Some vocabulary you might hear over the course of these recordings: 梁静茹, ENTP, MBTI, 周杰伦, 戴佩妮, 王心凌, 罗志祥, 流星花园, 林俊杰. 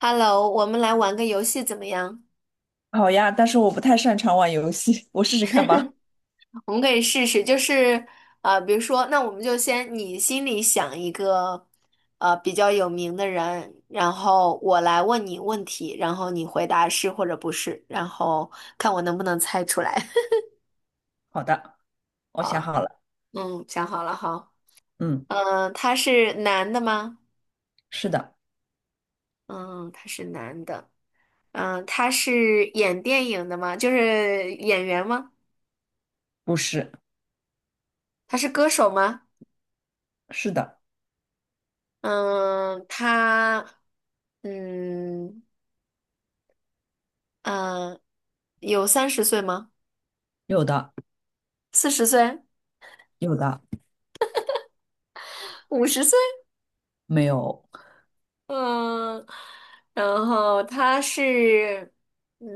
Hello，我们来玩个游戏怎么样？好呀，但是我不太擅长玩游戏，我试试看吧。我们可以试试，就是比如说，那我们就先你心里想一个比较有名的人，然后我来问你问题，然后你回答是或者不是，然后看我能不能猜出来。好的，我想啊，好了。嗯，想好了哈。嗯，嗯，他是男的吗？是的，嗯，他是男的。嗯，他是演电影的吗？就是演员吗？不是，他是歌手吗？是的，嗯，他。嗯嗯，呃，有30岁吗？有的，四十岁？有的，50岁？没有，嗯，然后他是嗯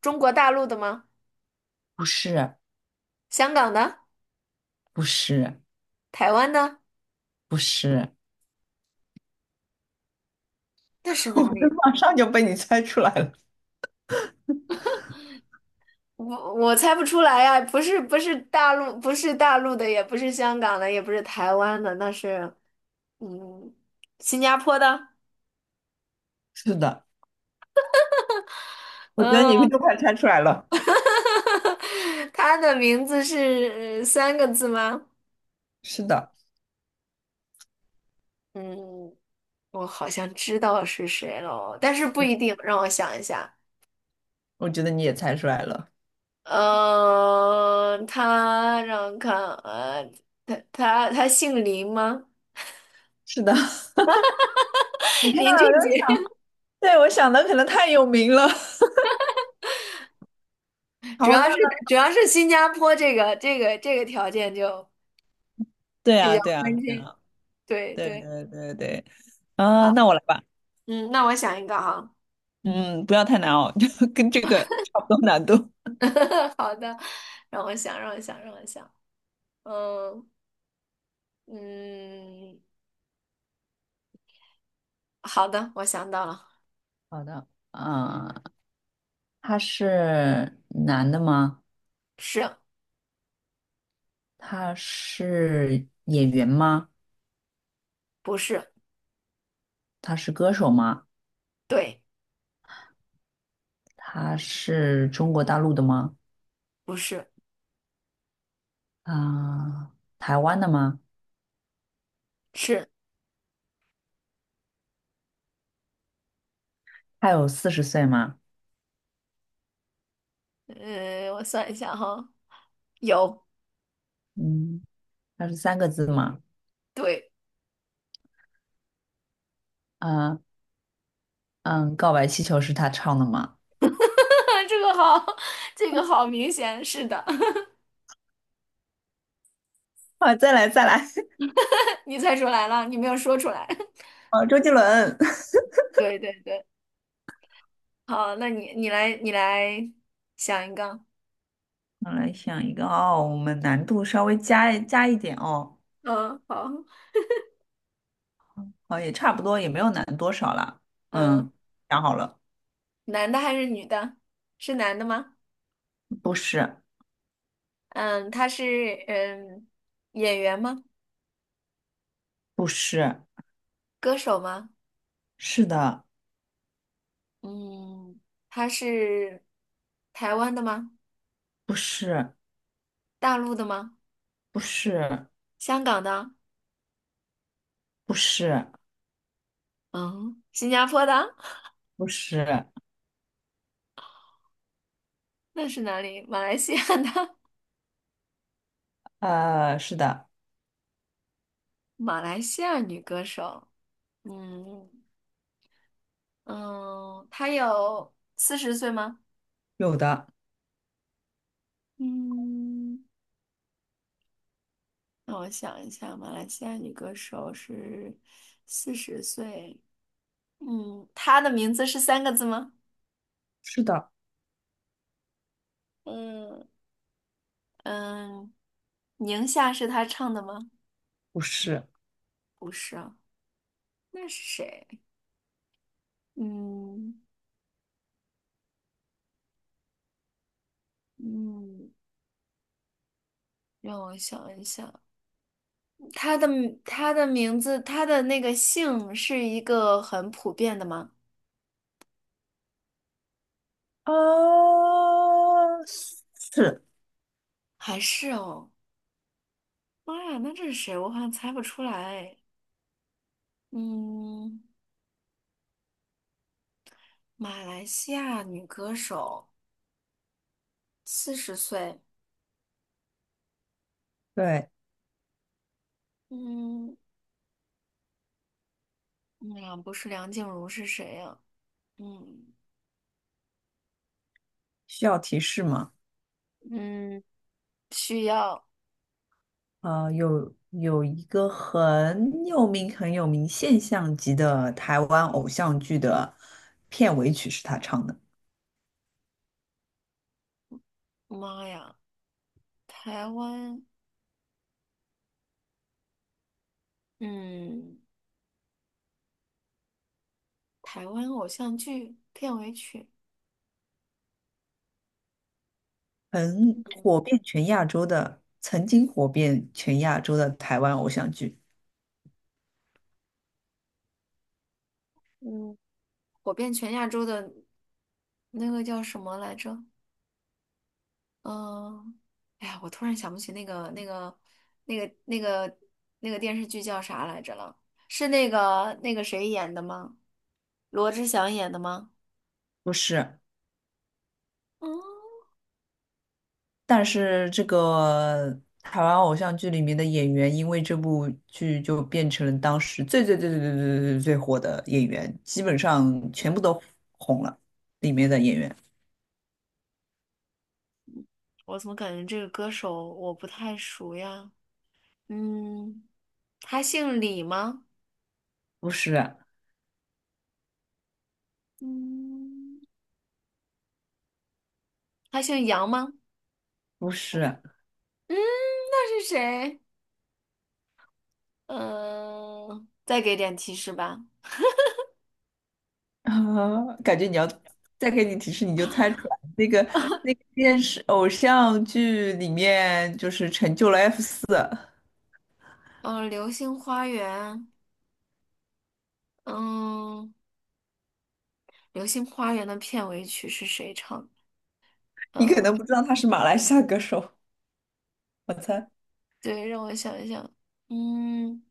中国大陆的吗？不是，香港的？不是，台湾的？不是，那是 哪我这里？马上就被你猜出来了，我猜不出来呀，不是大陆，不是大陆的，也不是香港的，也不是台湾的，那是嗯新加坡的。是的，我觉得嗯，你都快猜出来了，他的名字是3个字吗？是的，嗯。我好像知道是谁了，但是不一定。让我想一下，我觉得你也猜出来了。嗯，他让我看，他姓林吗？是的。你 看，林俊我就杰，想，对，我想的可能太有名了。主好，那要是那，新加坡这个条件就对比啊，较对啊，关对键。啊，对对对，对对对，啊，那我来吧。嗯，那我想一个哈，嗯，不要太难哦，就跟这个差不多难度。好的，让我想，让我想，让我想，嗯嗯，好的，我想到了，好的，嗯，他是男的吗？是他是演员吗？不是？他是歌手吗？对，他是中国大陆的吗？不是。啊、台湾的吗？是。他有四十岁吗？我算一下哈，有，嗯，他是三个字吗？对，啊、嗯，告白气球是他唱的吗？这个好，这个好明显，是的，啊，再来再来，你猜出来了，你没有说出来。啊，周杰伦。对对对，好，那你来想一个，我来想一个哦，我们难度稍微加一点哦。嗯，好，哦，也差不多，也没有难多少了。嗯，嗯，想好了，男的还是女的？是男的吗？不是，嗯，他是嗯演员吗？不是，歌手吗？是的，嗯，他是台湾的吗？不是，大陆的吗？不是，香港的？不是，嗯，新加坡的？不是，那是哪里？马来西亚的？是的，马来西亚女歌手，嗯嗯，她有四十岁吗？有的，嗯，让我想一下，马来西亚女歌手是四十岁，嗯，她的名字是三个字吗？是的，嗯嗯，宁夏是她唱的吗？不是，不是啊，那是谁？嗯嗯，让我想一想，她的她的名字，她的那个姓是一个很普遍的吗？呃，是，还是哦。妈呀，那这是谁？我好像猜不出来。嗯，马来西亚女歌手，四十岁。对，嗯，那不是梁静茹是谁呀。嗯需要提示吗？嗯，需要。有一个很有名、很有名现象级的台湾偶像剧的片尾曲是他唱的。妈呀，台湾，嗯，台湾偶像剧片尾曲，很火遍全亚洲的，曾经火遍全亚洲的台湾偶像剧，嗯，火遍全亚洲的那个叫什么来着？嗯，哎呀，我突然想不起那个那个那个电视剧叫啥来着了？是那个谁演的吗？罗志祥演的吗？不是，嗯，但是这个台湾偶像剧里面的演员，因为这部剧就变成了当时最最最最最最最最火的演员，基本上全部都红了。里面的演员我怎么感觉这个歌手我不太熟呀？嗯，他姓李吗？不是，嗯他姓杨吗？不是，嗯，那是谁？嗯，再给点提示吧。啊，感觉你要再给你提示，你就猜出来那个电视偶像剧里面就是成就了 F 嗯，《流星花园》。嗯，《流星花园》的片尾曲是谁唱的？你可呃，能不知道他是马来西亚歌手，我猜。对，让我想一想，嗯，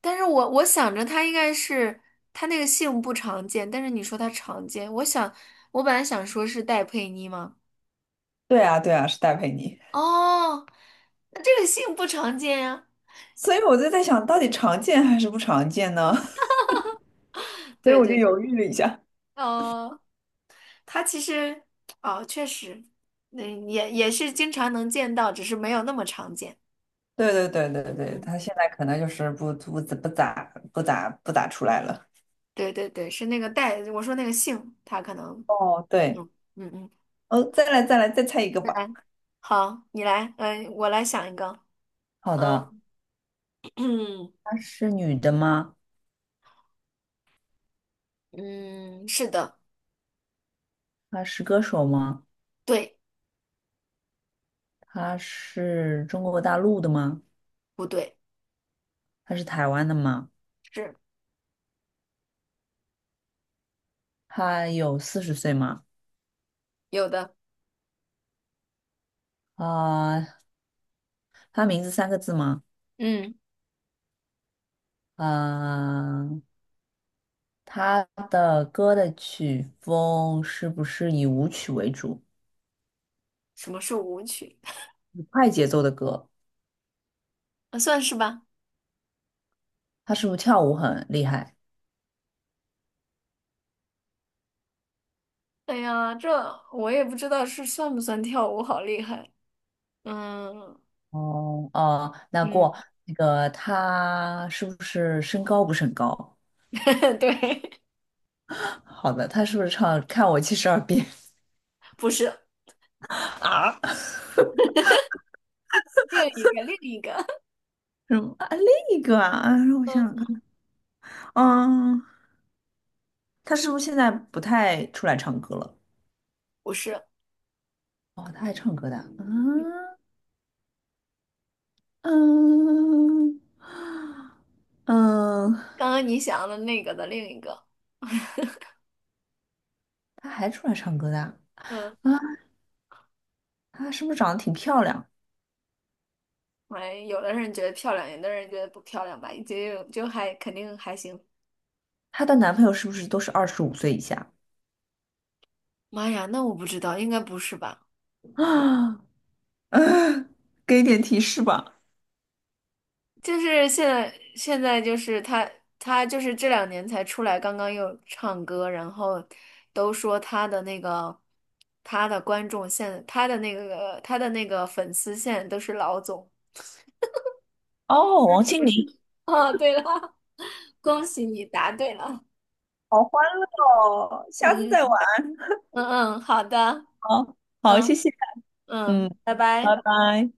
但是我想着他应该是他那个姓不常见，但是你说他常见，我想我本来想说是戴佩妮吗？对啊，对啊，是戴佩妮。哦，那这个姓不常见呀。所以我就在想，到底常见还是不常见呢？所以对我就对，犹豫了一下。呃，他其实哦，确实，那也是经常能见到，只是没有那么常见。对对对对对，嗯，他现在可能就是不咋出来了。对对对，是那个戴，我说那个姓，他可能。哦，对，嗯嗯嗯。哦，再来再来再猜一个来，吧。好，你来，嗯，我来想一个，好的，嗯，她是女的吗？嗯，是的，她是歌手吗？对，她是中国大陆的吗？不对，她是台湾的吗？是她有四十岁吗？有的，啊、她名字三个字吗？嗯，啊、他的歌的曲风是不是以舞曲为主，什么是舞曲？以快节奏的歌？啊算是吧。他是不是跳舞很厉害？哎呀，这我也不知道是算不算跳舞，好厉害。嗯哦哦，嗯，那个他是不是身高不是很高？对，好的，他是不是唱《看我七十二变》不是啊？另一个，另一个，什么那个啊？让我 嗯，想想看，嗯，他是不是现在不太出来唱歌了？不是哦，他还唱歌的啊，嗯嗯嗯，刚刚你想的那个的另一个，他还出来唱歌的啊？嗯，她是不是长得挺漂亮？哎，有的人觉得漂亮，有的人觉得不漂亮吧，就还肯定还行。她的男朋友是不是都是25岁以下？妈呀，那我不知道，应该不是吧？啊，给点提示吧。就是现在，现在就是他，他就是这2年才出来，刚刚又唱歌，然后都说他的那个，他的观众现，他的那个，他的那个粉丝现在都是老总。哦，王 心不是凌。哦，对了，恭喜你答对了。好欢乐哦，下次嗯再玩。嗯嗯，好的，哦。好，谢嗯谢。嗯，嗯，拜拜。拜拜。